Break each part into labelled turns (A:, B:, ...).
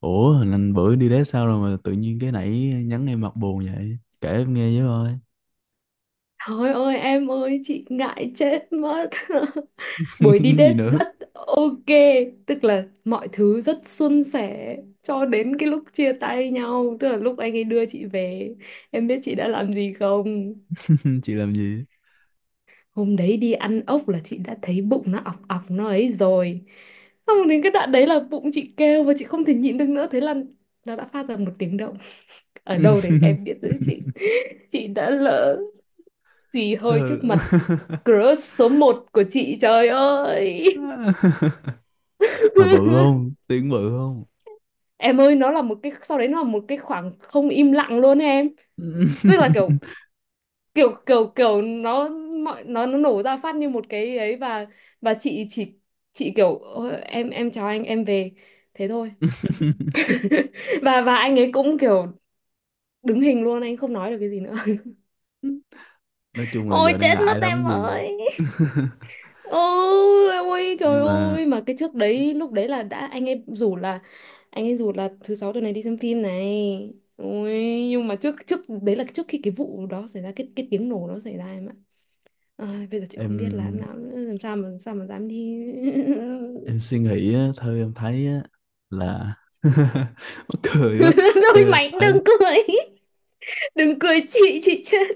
A: Ủa, hình anh bữa đi đế sao rồi mà tự nhiên cái nãy nhắn em mặt buồn vậy? Kể em nghe với coi.
B: Thôi ơi, em ơi, chị ngại chết mất. Buổi đi
A: Gì
B: date
A: nữa?
B: rất ok. Tức là mọi thứ rất suôn sẻ. Cho đến cái lúc chia tay nhau, tức là lúc anh ấy đưa chị về. Em biết chị đã làm gì không?
A: Chị làm gì?
B: Hôm đấy đi ăn ốc là chị đã thấy bụng nó ọc ọc nó ấy rồi. Xong đến cái đoạn đấy là bụng chị kêu, và chị không thể nhịn được nữa. Thế là nó đã phát ra một tiếng động. Ở đâu đấy em biết đấy chị đã lỡ xì hơi
A: Sợ.
B: trước mặt crush số một của chị, trời ơi.
A: Mà bự không? Tiếng bự không?
B: Em ơi, nó là một cái, sau đấy nó là một cái khoảng không im lặng luôn ấy, em. Tức là kiểu kiểu kiểu kiểu nó, nó nổ ra phát như một cái ấy, và chị chỉ, chị kiểu "Ôi, em chào anh, em về." Thế thôi. Và anh ấy cũng kiểu đứng hình luôn, anh không nói được cái gì nữa.
A: Nói chung là
B: Ôi
A: giờ đang
B: chết mất
A: ngại lắm
B: em
A: gì.
B: ơi. Ôi, ôi trời
A: Nhưng mà
B: ơi, mà cái trước đấy lúc đấy là đã, anh ấy rủ là thứ sáu tuần này đi xem phim này, ôi. Nhưng mà trước trước đấy là trước khi cái vụ đó xảy ra, cái tiếng nổ đó xảy ra, em ạ. Ai, bây giờ chị không biết là em
A: em
B: nào nữa, làm sao mà dám đi.
A: em suy nghĩ á, theo em thấy á, là mắc cười quá. Theo
B: Thôi
A: em
B: mày
A: thấy
B: đừng cười, chị chết.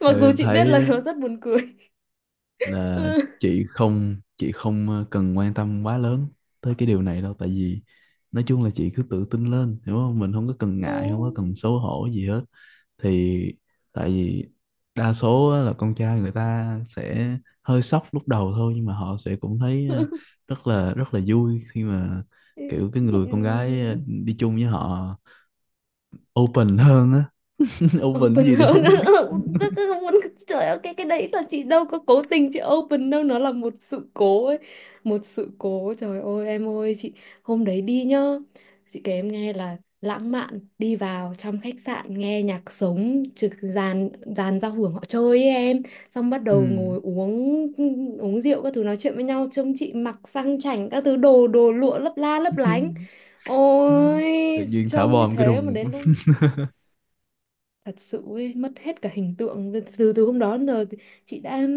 B: Mặc
A: theo
B: dù
A: em
B: chị biết
A: thấy
B: là
A: á,
B: nó rất buồn cười.
A: là chị không cần quan tâm quá lớn tới cái điều này đâu, tại vì nói chung là chị cứ tự tin lên, hiểu không? Mình không có cần ngại, không có cần xấu hổ gì hết thì, tại vì đa số á, là con trai người ta sẽ hơi sốc lúc đầu thôi, nhưng mà họ sẽ cũng thấy rất là vui khi mà kiểu
B: Ừ.
A: cái người con gái đi chung với họ open hơn á. Open
B: Open
A: gì thì
B: hơn.
A: không biết.
B: Ừ, tức là muốn, trời ơi, cái đấy là chị đâu có cố tình chị open đâu, nó là một sự cố ấy. Một sự cố, trời ơi em ơi, chị hôm đấy đi nhá, chị kể em nghe là lãng mạn, đi vào trong khách sạn nghe nhạc sống trực, dàn dàn giao hưởng họ chơi ấy em. Xong bắt
A: Ừ.
B: đầu ngồi uống uống rượu các thứ, nói chuyện với nhau, trông chị mặc sang chảnh các thứ đồ đồ lụa lấp la lấp lánh. Ôi,
A: Tự nhiên thả
B: trông như
A: bom cái
B: thế mà
A: đùng.
B: đến lúc thật sự ấy, mất hết cả hình tượng. Từ từ hôm đó đến giờ thì chị đã,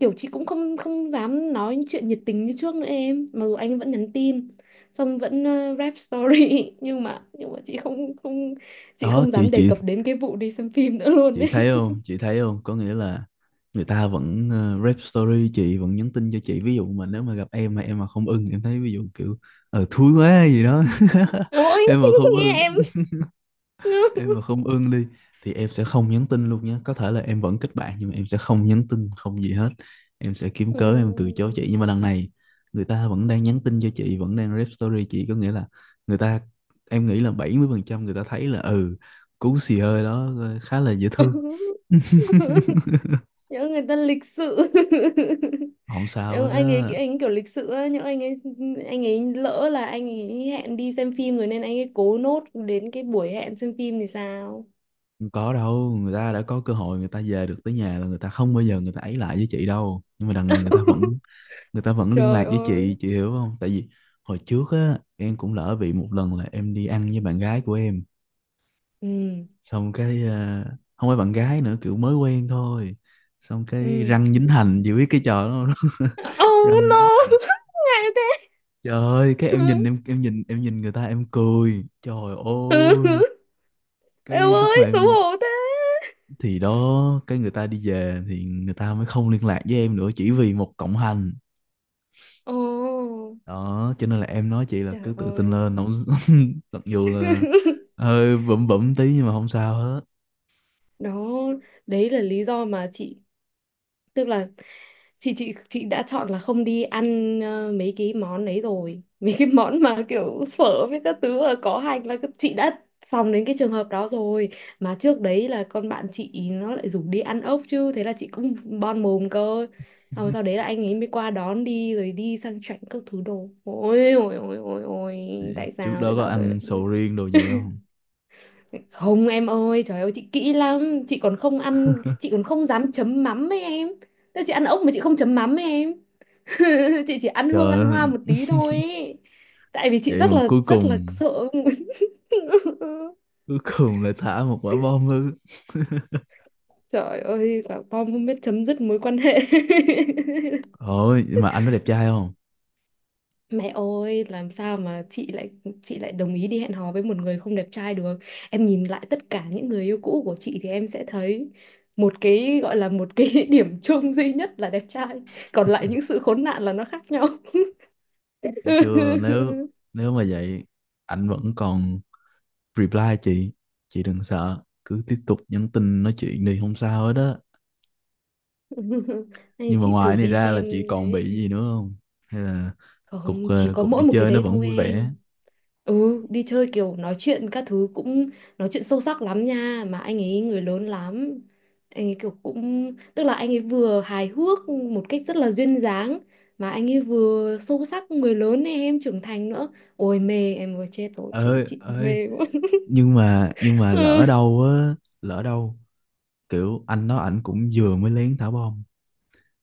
B: kiểu chị cũng không không dám nói những chuyện nhiệt tình như trước nữa em, mặc dù anh vẫn nhắn tin, xong vẫn rap story. Nhưng mà chị không, không, chị
A: Đó
B: không
A: chị
B: dám đề
A: chị
B: cập đến cái vụ đi xem phim nữa luôn
A: chị
B: ấy.
A: thấy không chị thấy không có nghĩa là người ta vẫn rep story chị, vẫn nhắn tin cho chị. Ví dụ mà nếu mà gặp em mà không ưng, em thấy ví dụ kiểu thúi quá gì đó.
B: Ôi.
A: em mà không
B: Nghe
A: ưng
B: em.
A: em mà không ưng đi thì em sẽ không nhắn tin luôn nhé, có thể là em vẫn kết bạn nhưng mà em sẽ không nhắn tin không gì hết, em sẽ kiếm
B: Ừ.
A: cớ em từ chối chị. Nhưng mà đằng này người ta vẫn đang nhắn tin cho chị, vẫn đang rep story chị, có nghĩa là người ta, em nghĩ là 70% người ta thấy là ừ, cú xì hơi đó khá là dễ thương.
B: Nhớ người ta lịch sự.
A: Không sao hết
B: Ừ, anh ấy
A: á.
B: anh ấy kiểu lịch sự ấy, nhưng anh ấy lỡ là anh ấy hẹn đi xem phim rồi nên anh ấy cố nốt đến cái buổi hẹn xem phim thì sao.
A: Không có đâu, người ta đã có cơ hội người ta về được tới nhà là người ta không bao giờ người ta ấy lại với chị đâu, nhưng mà đằng này người ta vẫn, liên
B: Trời
A: lạc với
B: ơi.
A: chị hiểu không? Tại vì hồi trước á, em cũng lỡ bị một lần là em đi ăn với bạn gái của em,
B: Ừ,
A: xong cái không phải bạn gái nữa, kiểu mới quen thôi, xong cái
B: ừ.
A: răng dính hành, chị biết cái trò đó không?
B: Oh
A: Răng dính hành,
B: no. Ngại thế.
A: trời ơi, cái
B: Ừ.
A: em nhìn người ta, em cười, trời ơi cái
B: Em
A: lúc mà
B: ơi xấu
A: em,
B: hổ thế.
A: thì đó cái người ta đi về thì người ta mới không liên lạc với em nữa, chỉ vì một cộng hành
B: Ồ,
A: đó. Cho nên là em nói chị là
B: trời
A: cứ tự tin
B: ơi.
A: lên, không? Mặc dù là hơi bẩm bẩm tí nhưng mà không sao hết.
B: Đó, đấy là lý do mà chị, tức là chị đã chọn là không đi ăn mấy cái món đấy rồi. Mấy cái món mà kiểu phở với các thứ mà có hành là chị đã phòng đến cái trường hợp đó rồi. Mà trước đấy là con bạn chị ý nó lại rủ đi ăn ốc chứ, thế là chị cũng bon mồm cơ. Xong rồi sau đấy là anh ấy mới qua đón đi, rồi đi sang chảnh các thứ đồ, ôi ôi ôi ôi ôi. Tại
A: Trước
B: sao, tại
A: đó có
B: sao tôi lại
A: ăn
B: như thế?
A: sầu riêng đồ gì không?
B: Không em ơi, trời ơi, chị kỹ lắm, chị còn không ăn, chị còn không dám chấm mắm với em. Thế chị ăn ốc mà chị không chấm mắm với em. Chị chỉ ăn hương
A: Trời
B: ăn
A: ơi,
B: hoa một tí thôi ý. Tại vì chị
A: vậy mà cuối
B: rất là
A: cùng
B: sợ.
A: lại thả một quả bom ư?
B: Trời ơi bảo tom không biết chấm dứt mối quan hệ.
A: Ôi, mà anh có đẹp trai không?
B: Mẹ ơi, làm sao mà chị lại, đồng ý đi hẹn hò với một người không đẹp trai được. Em nhìn lại tất cả những người yêu cũ của chị thì em sẽ thấy một cái gọi là, một cái điểm chung duy nhất là đẹp trai. Còn lại những sự khốn nạn là nó khác nhau.
A: Thấy chưa, nếu nếu mà vậy, anh vẫn còn reply chị đừng sợ, cứ tiếp tục nhắn tin nói chuyện đi, không sao hết đó.
B: Hay
A: Nhưng mà
B: chị
A: ngoài
B: thử
A: này
B: đi
A: ra là
B: xem
A: chị còn
B: đấy.
A: bị gì nữa không? Hay là cuộc
B: Không, chỉ
A: ờ,
B: có
A: cuộc
B: mỗi
A: đi
B: một cái
A: chơi nó
B: đấy
A: vẫn
B: thôi
A: vui vẻ?
B: em. Ừ, đi chơi kiểu nói chuyện các thứ cũng nói chuyện sâu sắc lắm nha, mà anh ấy người lớn lắm. Anh ấy kiểu cũng, tức là anh ấy vừa hài hước một cách rất là duyên dáng, mà anh ấy vừa sâu sắc người lớn này em, trưởng thành nữa. Ôi mê, em vừa chết rồi chị
A: Ơi
B: chị
A: ơi,
B: mê quá.
A: nhưng mà
B: Ừ.
A: lỡ đâu kiểu anh đó ảnh cũng vừa mới lén thả bom,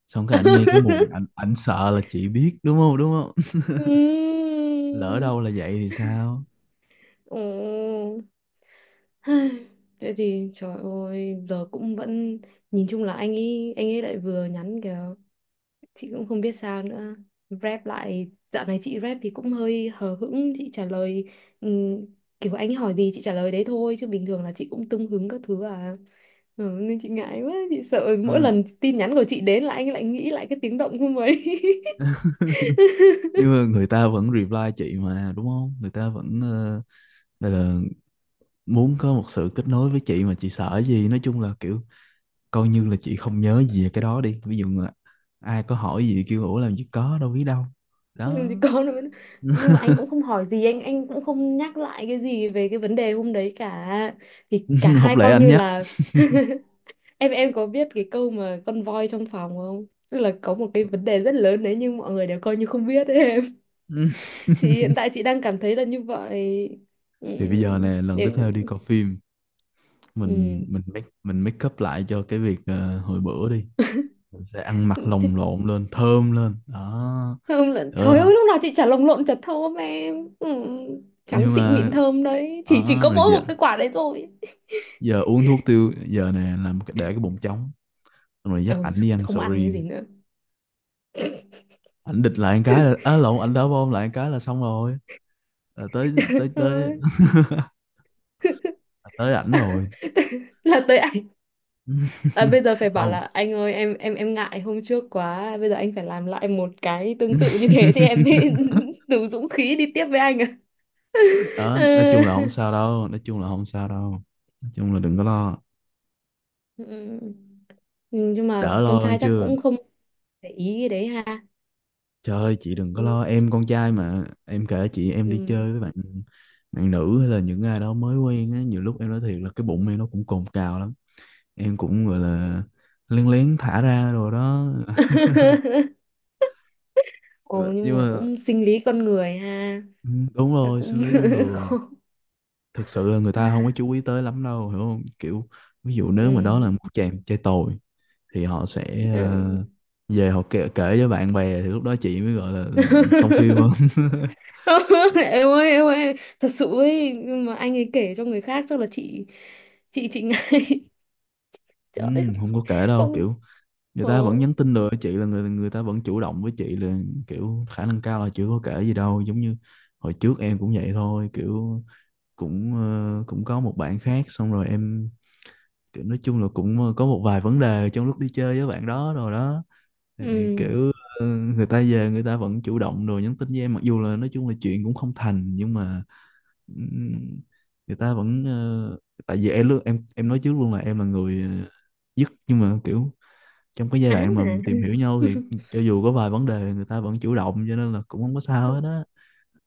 A: xong cái ảnh nghe cái mùi, ảnh ảnh sợ là chị biết, đúng không, đúng không? Lỡ
B: Ừm.
A: đâu là vậy thì sao?
B: Ừ. Ai, thế thì trời ơi giờ cũng vẫn, nhìn chung là anh ấy lại vừa nhắn kìa, chị cũng không biết sao nữa, rep lại dạo này chị rep thì cũng hơi hờ hững chị trả lời, ừm, kiểu anh ấy hỏi gì chị trả lời đấy thôi, chứ bình thường là chị cũng tưng hứng các thứ à. Ừ, nên chị ngại quá, chị sợ mỗi
A: Ừ,
B: lần tin nhắn của chị đến là anh ấy lại nghĩ lại cái tiếng động không ấy.
A: nhưng mà người ta vẫn reply chị mà, đúng không? Người ta vẫn gọi là muốn có một sự kết nối với chị, mà chị sợ gì? Nói chung là kiểu coi như là chị không nhớ gì về cái đó đi, ví dụ là ai có hỏi gì kêu ủa làm gì có đâu, biết đâu
B: Ừ,
A: đó.
B: thì con nó mới- nhưng mà anh cũng không hỏi gì, anh cũng không nhắc lại cái gì về cái vấn đề hôm đấy cả, thì cả
A: Học
B: hai
A: lẽ
B: coi
A: anh
B: như
A: nhắc.
B: là, em có biết cái câu mà con voi trong phòng không? Tức là có một cái vấn đề rất lớn đấy nhưng mọi người đều coi như không biết ấy em.
A: Ừ.
B: Thì hiện tại chị đang cảm thấy là như vậy. Ừ,
A: Thì bây giờ nè, lần tiếp
B: để,
A: theo đi coi phim, mình
B: ừ.
A: mình make mình make up lại cho cái việc hồi bữa đi, mình sẽ ăn mặc lồng
B: Thì
A: lộn lên, thơm lên đó.
B: thơm là, trời
A: Ờ,
B: ơi lúc nào chị chả lồng lộn chả thơm em. Ừ. Trắng
A: nhưng
B: xịn
A: mà
B: mịn thơm đấy, chỉ
A: đó,
B: có
A: rồi
B: mỗi
A: giờ,
B: một cái quả đấy thôi.
A: uống thuốc tiêu giờ nè, làm để cái bụng trống, xong rồi dắt
B: Ừ,
A: ảnh đi ăn
B: không
A: sầu
B: ăn cái gì
A: riêng,
B: nữa.
A: ảnh địch lại một cái là, á lộn, ảnh đá bom lại một cái là xong rồi, là tới tới tới.
B: Ừ.
A: Tới ảnh rồi.
B: Là tới anh. À, bây giờ phải bảo
A: Không.
B: là anh ơi em, em ngại hôm trước quá, bây giờ anh phải làm lại một cái tương tự như thế thì em mới đủ dũng khí đi tiếp với anh à.
A: Đó, nói chung là không
B: Ừ.
A: sao đâu, nói chung là không sao đâu, nói chung là đừng có lo.
B: Ừ. Nhưng mà
A: Đỡ lo
B: con
A: hơn
B: trai chắc
A: chưa?
B: cũng không để ý cái đấy ha.
A: Trời ơi chị đừng có lo,
B: Ừ.
A: em con trai mà, em kể chị, em đi
B: Ừ.
A: chơi với bạn bạn nữ hay là những ai đó mới quen á, nhiều lúc em nói thiệt là cái bụng em nó cũng cồn cào lắm, em cũng gọi là lén lén thả ra rồi đó.
B: Ồ,
A: Nhưng
B: nhưng mà
A: mà
B: cũng sinh lý con người ha.
A: ừ, đúng
B: Chắc
A: rồi, sinh
B: cũng
A: lý con người.
B: khó.
A: Thực sự là người ta không có chú ý tới lắm đâu, hiểu không? Kiểu ví dụ nếu mà đó
B: Ừ.
A: là một chàng trai tồi thì họ sẽ
B: Ừ.
A: về họ kể với bạn bè, thì lúc đó chị mới gọi là ừ, xong phim hơn.
B: Em ơi, em ơi, thật sự ấy, nhưng mà anh ấy kể cho người khác chắc là chị ngay.
A: Ừ,
B: Trời ơi.
A: không có kể đâu,
B: Không.
A: kiểu người
B: Ờ.
A: ta vẫn nhắn tin được chị là người người ta vẫn chủ động với chị là kiểu khả năng cao là chưa có kể gì đâu. Giống như hồi trước em cũng vậy thôi, kiểu cũng có một bạn khác, xong rồi em kiểu nói chung là cũng ờ, có một vài vấn đề trong lúc đi chơi với bạn đó rồi đó, thì
B: Ừ.
A: kiểu người ta về người ta vẫn chủ động rồi nhắn tin với em, mặc dù là nói chung là chuyện cũng không thành, nhưng mà ừm, người ta vẫn tại vì em nói trước luôn là em là người dứt, nhưng mà kiểu trong cái giai
B: Á à.
A: đoạn mà tìm hiểu nhau thì cho dù có vài vấn đề người ta vẫn chủ động, cho nên là cũng không có sao hết á,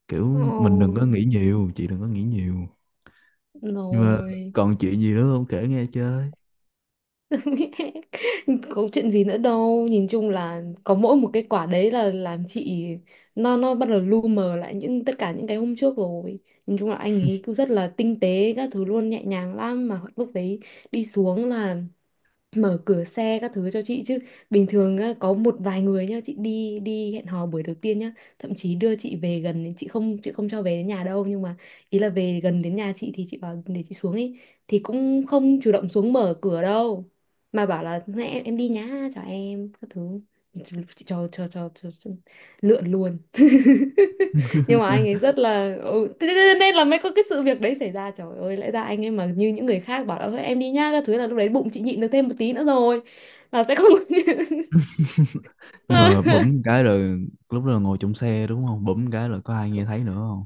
A: kiểu mình đừng có
B: Ờ.
A: nghĩ nhiều, chị đừng có nghĩ nhiều. Nhưng mà
B: Rồi.
A: còn chuyện gì nữa không, kể nghe chơi?
B: Có chuyện gì nữa đâu, nhìn chung là có mỗi một cái quả đấy là làm chị, nó bắt đầu lu mờ lại những, tất cả những cái hôm trước rồi. Nhìn chung là anh ấy cứ rất là tinh tế các thứ luôn, nhẹ nhàng lắm, mà lúc đấy đi xuống là mở cửa xe các thứ cho chị chứ. Bình thường á, có một vài người nhá, chị đi, hẹn hò buổi đầu tiên nhá, thậm chí đưa chị về chị không, cho về đến nhà đâu, nhưng mà ý là về gần đến nhà chị thì chị bảo để chị xuống ấy, thì cũng không chủ động xuống mở cửa đâu, mà bảo là "Này, em đi nhá, chào em các thứ." Chị cho lượn luôn. Nhưng mà anh ấy rất là, thế thế- thế nên là mới có cái sự việc đấy xảy ra, trời ơi, lẽ ra anh ấy mà như những người khác bảo là thôi em đi nhá các thứ là lúc đấy bụng chị nhịn được thêm một tí nữa rồi, là sẽ không.
A: Nhưng mà bấm cái là, lúc đó là ngồi trong xe đúng không, bấm cái là có ai nghe thấy nữa không?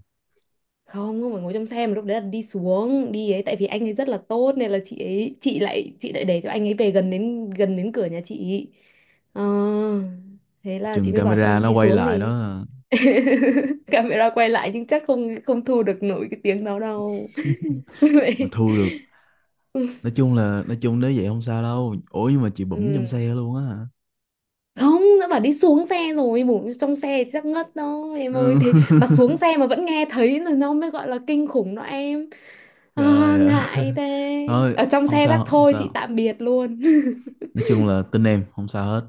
B: Không, không phải ngồi trong xe, mà lúc đấy là đi xuống đi ấy, tại vì anh ấy rất là tốt nên là chị lại để cho anh ấy về gần đến cửa nhà chị. Ờ, thế là chị
A: Chừng
B: mới bảo cho
A: camera nó
B: đi
A: quay
B: xuống
A: lại
B: thì camera quay lại nhưng chắc không không thu được nổi cái tiếng đó đâu.
A: mà
B: Vậy.
A: thu được, nói chung là nói chung nếu vậy không sao đâu. Ủa nhưng mà chị bấm
B: Ừ.
A: trong xe luôn á hả?
B: Không, đã bảo đi xuống xe rồi, bổ trong xe thì chắc ngất đó em ơi,
A: Ừ.
B: thế mà xuống xe mà vẫn nghe thấy là nó mới gọi là kinh khủng đó em. À,
A: Trời ơi.
B: ngại thế,
A: Thôi
B: ở trong
A: không
B: xe chắc
A: sao, không
B: thôi chị
A: sao,
B: tạm biệt luôn.
A: nói chung là tin em không sao hết.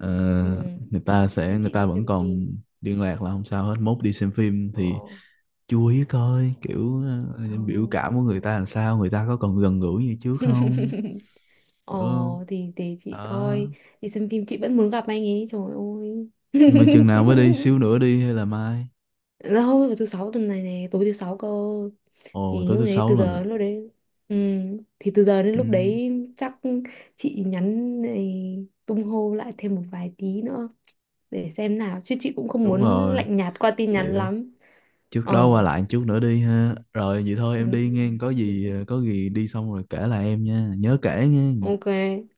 A: Ờ,
B: Ừ. Thế
A: người
B: chị
A: ta
B: đi xem
A: vẫn còn
B: phim.
A: liên lạc là không sao hết, mốt đi xem phim
B: Ờ,
A: thì chú ý coi kiểu
B: ờ.
A: biểu cảm của người ta làm sao, người ta có còn gần gũi như trước không.
B: Ờ,
A: Hiểu không?
B: thì để chị
A: Đó.
B: coi, đi xem phim chị vẫn muốn gặp anh ấy, trời ơi.
A: Nhưng mà chừng
B: Chị...
A: nào mới đi, xíu nữa đi hay là mai?
B: đâu vào thứ sáu tuần này nè, tối thứ sáu cơ.
A: Ồ
B: Thì
A: tối
B: lúc
A: thứ
B: đấy
A: sáu. Ừ.
B: từ
A: Lần
B: giờ
A: à?
B: đến lúc đấy, ừ, thì từ giờ đến lúc
A: Ừ,
B: đấy chắc chị nhắn này, tung hô lại thêm một vài tí nữa, để xem nào chứ chị cũng không
A: đúng
B: muốn
A: rồi.
B: lạnh nhạt qua tin nhắn
A: Kiểu
B: lắm.
A: trước đó qua
B: Ờ.
A: lại chút nữa đi ha, rồi vậy thôi
B: Ừ,
A: em đi nghe, có gì đi xong rồi kể lại em nha, nhớ kể nghe.
B: ok.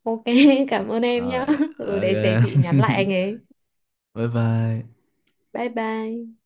B: Ok. Cảm ơn em
A: Rồi
B: nhá. Ừ, để
A: ok.
B: chị nhắn lại anh ấy.
A: Bye bye.
B: Bye bye.